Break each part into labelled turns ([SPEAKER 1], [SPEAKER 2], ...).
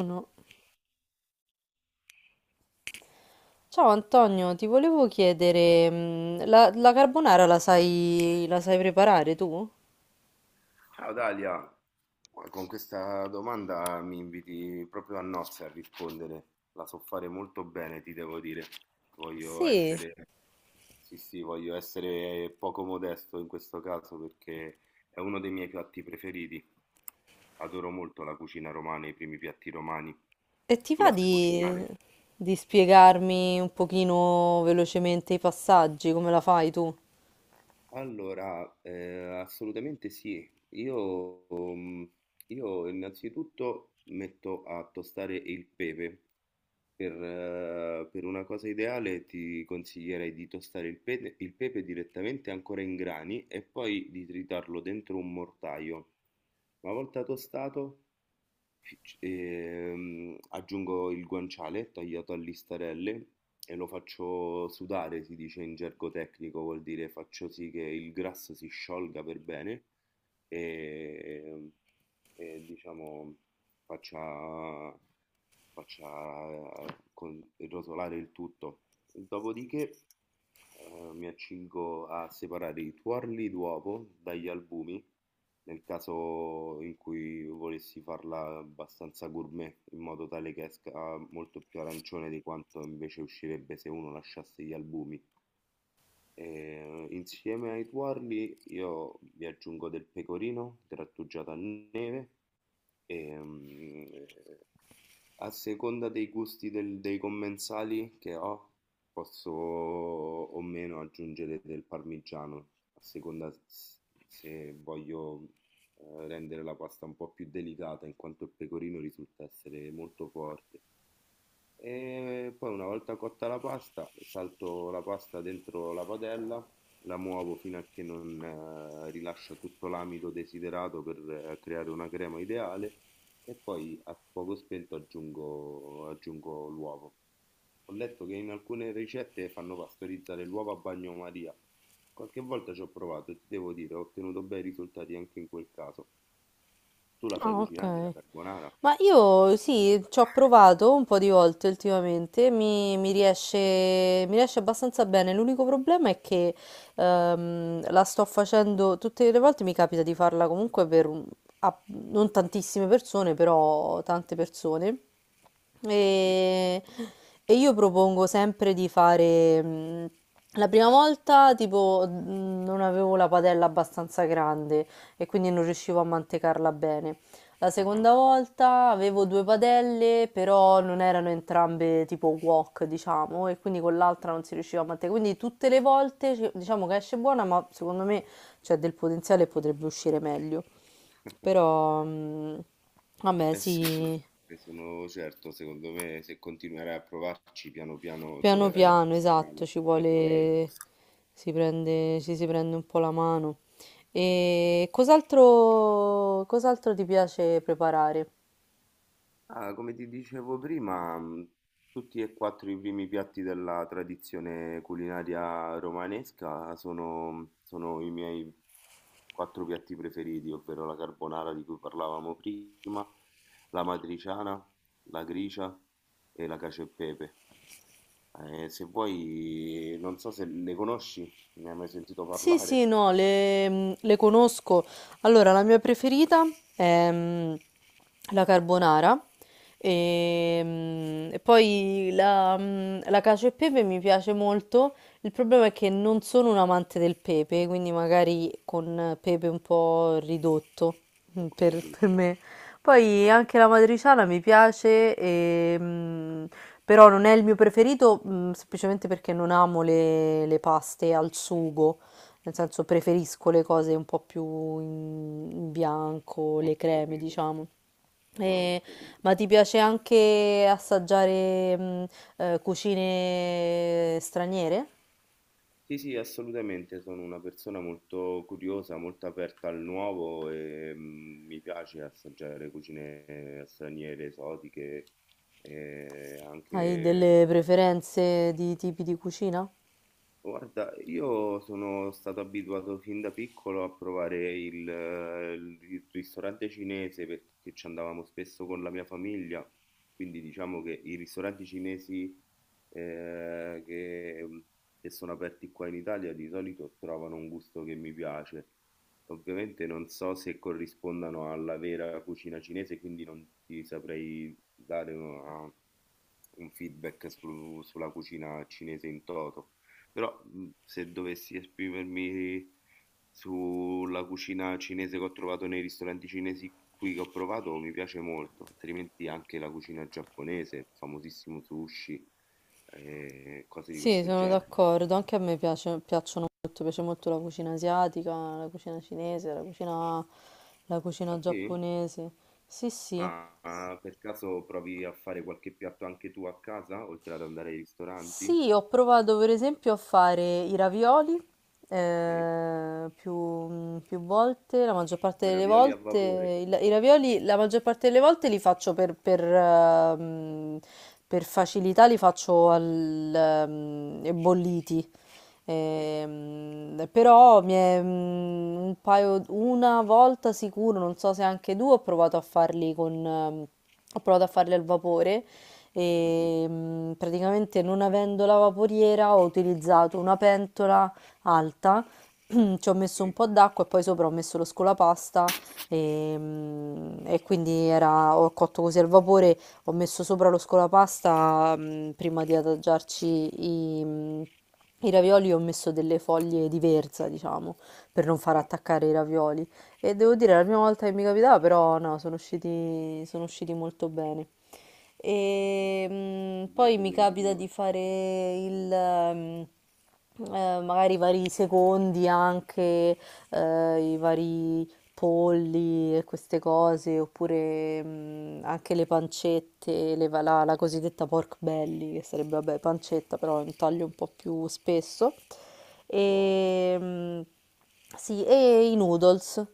[SPEAKER 1] No. Ciao Antonio, ti volevo chiedere, la carbonara la sai preparare tu?
[SPEAKER 2] Ciao Dalia. Ma con questa domanda mi inviti proprio a nozze a rispondere. La so fare molto bene, ti devo dire. Voglio
[SPEAKER 1] Sì.
[SPEAKER 2] essere, sì, sì, voglio essere poco modesto in questo caso perché è uno dei miei piatti preferiti. Adoro molto la cucina romana, i primi piatti romani.
[SPEAKER 1] E ti
[SPEAKER 2] Tu
[SPEAKER 1] va
[SPEAKER 2] la sai cucinare?
[SPEAKER 1] di spiegarmi un pochino velocemente i passaggi, come la fai tu?
[SPEAKER 2] Allora, assolutamente sì. Io innanzitutto metto a tostare il pepe. Per una cosa ideale ti consiglierei di tostare il pepe direttamente ancora in grani e poi di tritarlo dentro un mortaio. Una volta tostato, aggiungo il guanciale tagliato a listarelle e lo faccio sudare, si dice in gergo tecnico, vuol dire faccio sì che il grasso si sciolga per bene e, e, diciamo faccia faccia rotolare il tutto. Dopodiché mi accingo a separare i tuorli d'uovo dagli albumi, nel caso in cui volessi farla abbastanza gourmet, in modo tale che esca molto più arancione di quanto invece uscirebbe se uno lasciasse gli albumi. E, insieme ai tuorli io vi aggiungo del pecorino grattugiato a neve e, a seconda dei gusti dei commensali che ho, posso o meno aggiungere del parmigiano, a seconda se voglio rendere la pasta un po' più delicata, in quanto il pecorino risulta essere molto forte. E poi una volta cotta la pasta, salto la pasta dentro la padella, la muovo fino a che non rilascia tutto l'amido desiderato per creare una crema ideale e poi a fuoco spento aggiungo l'uovo. Ho letto che in alcune ricette fanno pastorizzare l'uovo a bagnomaria. Qualche volta ci ho provato e ti devo dire, ho ottenuto bei risultati anche in quel caso. Tu la sai
[SPEAKER 1] Ah,
[SPEAKER 2] cucinare, la
[SPEAKER 1] ok.
[SPEAKER 2] carbonara?
[SPEAKER 1] Ma io sì, ci ho provato un po' di volte ultimamente, mi riesce abbastanza bene. L'unico problema è che la sto facendo tutte le volte, mi capita di farla comunque per non tantissime persone, però tante persone.
[SPEAKER 2] Mm.
[SPEAKER 1] E, e io propongo sempre di fare. La prima volta, tipo, non avevo la padella abbastanza grande e quindi non riuscivo a mantecarla bene. La
[SPEAKER 2] Ah ah.
[SPEAKER 1] seconda volta avevo due padelle, però non erano entrambe tipo wok, diciamo, e quindi con l'altra non si riusciva a mantenere. Quindi tutte le volte diciamo che esce buona, ma secondo me c'è del potenziale e potrebbe uscire meglio. Però, vabbè,
[SPEAKER 2] Eh sì, sì,
[SPEAKER 1] sì,
[SPEAKER 2] ne sono certo, secondo me se continuerai a provarci piano piano
[SPEAKER 1] piano
[SPEAKER 2] troverai la
[SPEAKER 1] piano,
[SPEAKER 2] tua
[SPEAKER 1] esatto,
[SPEAKER 2] strada,
[SPEAKER 1] ci
[SPEAKER 2] la tua via.
[SPEAKER 1] vuole, si prende, ci si prende un po' la mano. E cos'altro, cos'altro ti piace preparare?
[SPEAKER 2] Ah, come ti dicevo prima, tutti e quattro i primi piatti della tradizione culinaria romanesca sono, mhmm, sono i miei quattro piatti preferiti, ovvero la carbonara di cui parlavamo prima, la matriciana, la gricia e la cacio e pepe. Se vuoi, non so se ne conosci, ne hai mai sentito
[SPEAKER 1] Sì, sì,
[SPEAKER 2] parlare?
[SPEAKER 1] no, le conosco. Allora, la mia preferita è la carbonara e, la cacio e pepe mi piace molto. Il problema è che non sono un amante del pepe, quindi magari con pepe un po' ridotto
[SPEAKER 2] Ho capito,
[SPEAKER 1] per me. Poi anche la matriciana mi piace, però non è il mio preferito, semplicemente perché non amo le paste al sugo. Nel senso preferisco le cose un po' più in bianco,
[SPEAKER 2] ho
[SPEAKER 1] le creme,
[SPEAKER 2] capito,
[SPEAKER 1] diciamo.
[SPEAKER 2] ah, ho
[SPEAKER 1] E-
[SPEAKER 2] capito.
[SPEAKER 1] ma ti piace anche assaggiare cucine straniere?
[SPEAKER 2] Sì, sì, assolutamente, sono una persona molto curiosa, molto aperta al nuovo e mi piace assaggiare cucine straniere, esotiche, e
[SPEAKER 1] Hai
[SPEAKER 2] anche.
[SPEAKER 1] delle preferenze di tipi di cucina?
[SPEAKER 2] Guarda, io sono stato abituato fin da piccolo a provare il ristorante cinese perché ci andavamo spesso con la mia famiglia, quindi diciamo che i ristoranti cinesi eh, che, mm, che sono aperti qua in Italia di solito trovano un gusto che mi piace. Ovviamente non so se corrispondano alla vera cucina cinese, quindi non ti saprei dare un feedback sulla cucina cinese in toto. Però, mhmm, se dovessi esprimermi sulla cucina cinese che ho trovato nei ristoranti cinesi qui che ho provato, mi piace molto, altrimenti anche la cucina giapponese, il famosissimo sushi, cose di
[SPEAKER 1] Sì,
[SPEAKER 2] questo
[SPEAKER 1] sono
[SPEAKER 2] genere.
[SPEAKER 1] d'accordo, anche a me piacciono molto, piace molto la cucina asiatica, la cucina cinese, la
[SPEAKER 2] Ah
[SPEAKER 1] cucina
[SPEAKER 2] sì?
[SPEAKER 1] giapponese. Sì, sì.
[SPEAKER 2] Ah, per caso provi a fare qualche piatto anche tu a casa, oltre ad andare ai ristoranti?
[SPEAKER 1] Sì, ho provato per esempio a fare i ravioli
[SPEAKER 2] Sì?
[SPEAKER 1] più volte, la maggior parte delle
[SPEAKER 2] Ravioli a
[SPEAKER 1] volte,
[SPEAKER 2] vapore?
[SPEAKER 1] i ravioli la maggior parte delle volte li faccio per facilità, li faccio bolliti.
[SPEAKER 2] Sì.
[SPEAKER 1] Però mi è, un paio, una volta sicuro, non so se anche due, ho provato a farli ho provato a farli al vapore
[SPEAKER 2] Mh-mh.
[SPEAKER 1] e praticamente non avendo la vaporiera ho utilizzato una pentola alta. Ci ho messo un
[SPEAKER 2] Sì.
[SPEAKER 1] po' d'acqua e poi sopra ho messo lo scolapasta e, ho cotto così al vapore, ho messo sopra lo scolapasta, prima di adagiarci i, mh, i ravioli, ho messo delle foglie di verza, diciamo, per non far
[SPEAKER 2] Ah,
[SPEAKER 1] attaccare i ravioli. E devo dire, è la prima volta che mi capitava, però no, sono usciti molto bene. E
[SPEAKER 2] mh,
[SPEAKER 1] poi mi
[SPEAKER 2] metodo
[SPEAKER 1] capita di
[SPEAKER 2] ingegnoso,
[SPEAKER 1] fare il... mm, magari i vari secondi anche, i vari polli e queste cose, oppure anche le pancette, la cosiddetta pork belly, che sarebbe, vabbè, pancetta, però è un taglio un po' più spesso.
[SPEAKER 2] buono.
[SPEAKER 1] E, sì, e i noodles.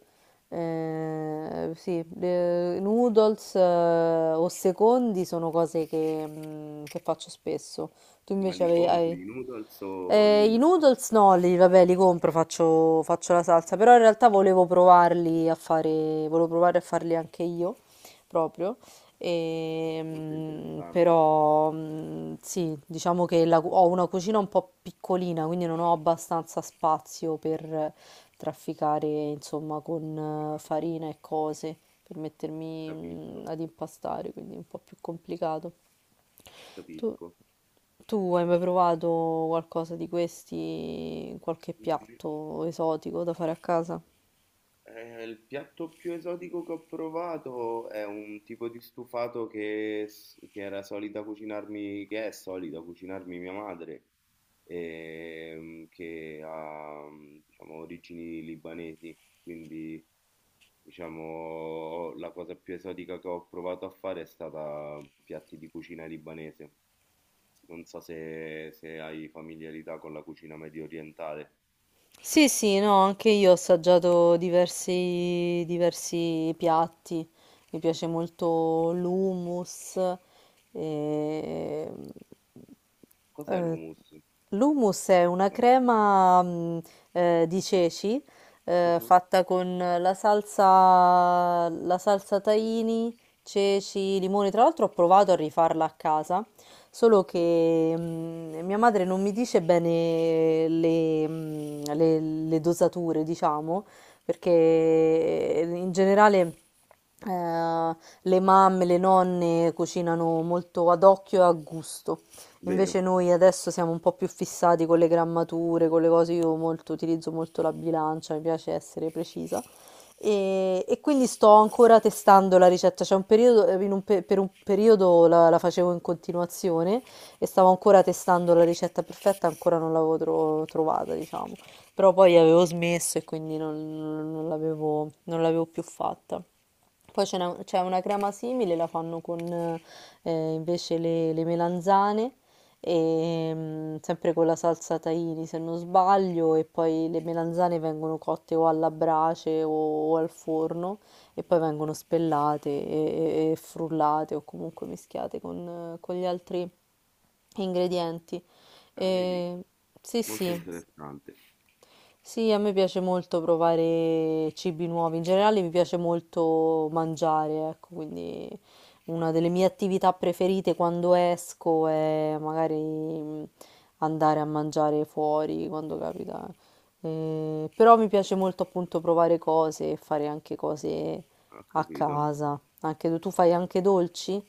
[SPEAKER 1] Sì, noodles o secondi sono cose che faccio spesso. Tu
[SPEAKER 2] Ma
[SPEAKER 1] invece
[SPEAKER 2] li compri
[SPEAKER 1] hai...
[SPEAKER 2] i noodles o
[SPEAKER 1] I
[SPEAKER 2] l'impasto?
[SPEAKER 1] noodles no, li, vabbè, li compro, faccio la salsa, però in realtà volevo provarli a fare, volevo provare a farli anche io, proprio. E,
[SPEAKER 2] Molto interessante,
[SPEAKER 1] sì, diciamo che ho una cucina un po' piccolina, quindi non ho abbastanza spazio per trafficare, insomma, con farina e cose, per mettermi
[SPEAKER 2] capisco,
[SPEAKER 1] ad impastare, quindi è un po' più complicato. Tu
[SPEAKER 2] capisco.
[SPEAKER 1] Tu hai mai provato qualcosa di questi, qualche piatto esotico da fare a casa?
[SPEAKER 2] Il piatto più esotico che ho provato è un tipo di stufato che era solita cucinarmi, che è solita cucinarmi mia madre, che ha, diciamo, origini libanesi, quindi. Diciamo, la cosa più esotica che ho provato a fare è stata piatti di cucina libanese. Non so se, se hai familiarità con la cucina medio orientale.
[SPEAKER 1] Sì, sì, no, anche io ho assaggiato diversi, diversi piatti. Mi piace molto l'hummus, e...
[SPEAKER 2] Cos'è
[SPEAKER 1] Eh,
[SPEAKER 2] l'hummus?
[SPEAKER 1] l'hummus è una
[SPEAKER 2] Ah,
[SPEAKER 1] crema di ceci
[SPEAKER 2] mhm,
[SPEAKER 1] fatta con la salsa tahini, ceci, limoni. Tra l'altro ho provato a rifarla a casa, solo
[SPEAKER 2] sì,
[SPEAKER 1] che mia madre non mi dice bene le dosature, diciamo, perché in generale... eh, le mamme, le nonne cucinano molto ad occhio e a gusto. Invece
[SPEAKER 2] vero.
[SPEAKER 1] noi adesso siamo un po' più fissati con le grammature, con le cose, io molto, utilizzo molto la bilancia, mi piace essere precisa. E quindi sto ancora testando la ricetta. C'è un periodo, per un periodo la facevo in continuazione e stavo ancora testando la ricetta perfetta, ancora non l'avevo trovata, diciamo. Però poi avevo smesso e quindi non l'avevo, non l'avevo più fatta. Poi c'è una crema simile, la fanno con invece le melanzane, e, sempre con la salsa tahini se non sbaglio, e poi le melanzane vengono cotte o alla brace o al forno e poi vengono spellate e frullate o comunque mischiate con gli altri ingredienti.
[SPEAKER 2] Ah, vedi,
[SPEAKER 1] E, sì,
[SPEAKER 2] molto
[SPEAKER 1] sì,
[SPEAKER 2] interessante.
[SPEAKER 1] sì, a me piace molto provare cibi nuovi, in generale mi piace molto mangiare, ecco, quindi una delle mie attività preferite quando esco è magari andare a mangiare fuori quando capita. Però mi
[SPEAKER 2] Eh,
[SPEAKER 1] piace molto appunto provare cose e fare anche cose
[SPEAKER 2] Ho
[SPEAKER 1] a
[SPEAKER 2] capito.
[SPEAKER 1] casa. Anche tu, tu fai anche dolci?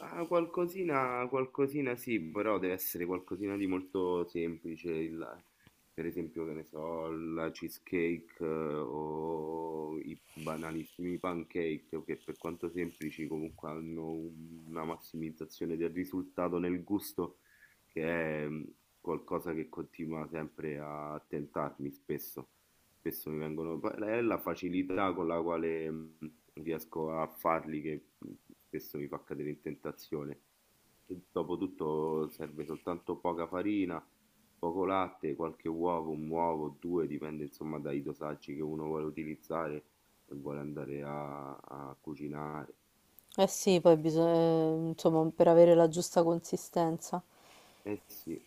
[SPEAKER 2] Ah, qualcosina, qualcosina sì, però deve essere qualcosina di molto semplice, per esempio, che ne so, la cheesecake o i banalissimi pancake, che per quanto semplici comunque hanno una massimizzazione del risultato nel gusto, che è qualcosa che continua sempre a tentarmi spesso. Spesso mi vengono, è la facilità con la quale riesco a farli che spesso mi fa cadere in tentazione. E dopotutto serve soltanto poca farina, poco latte, qualche uovo, un uovo, due, dipende insomma dai dosaggi che uno vuole utilizzare e vuole andare a cucinare.
[SPEAKER 1] Eh sì, poi bisogna, insomma, per avere la giusta consistenza.
[SPEAKER 2] Eh sì,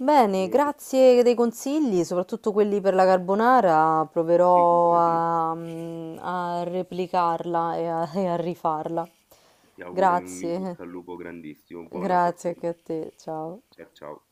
[SPEAKER 1] Bene,
[SPEAKER 2] e
[SPEAKER 1] grazie dei consigli, soprattutto quelli per la carbonara, proverò
[SPEAKER 2] figurati,
[SPEAKER 1] a replicarla e a rifarla.
[SPEAKER 2] ti auguro un in
[SPEAKER 1] Grazie,
[SPEAKER 2] bocca al lupo grandissimo, buona
[SPEAKER 1] grazie anche a
[SPEAKER 2] fortuna.
[SPEAKER 1] te, ciao.
[SPEAKER 2] Ciao ciao.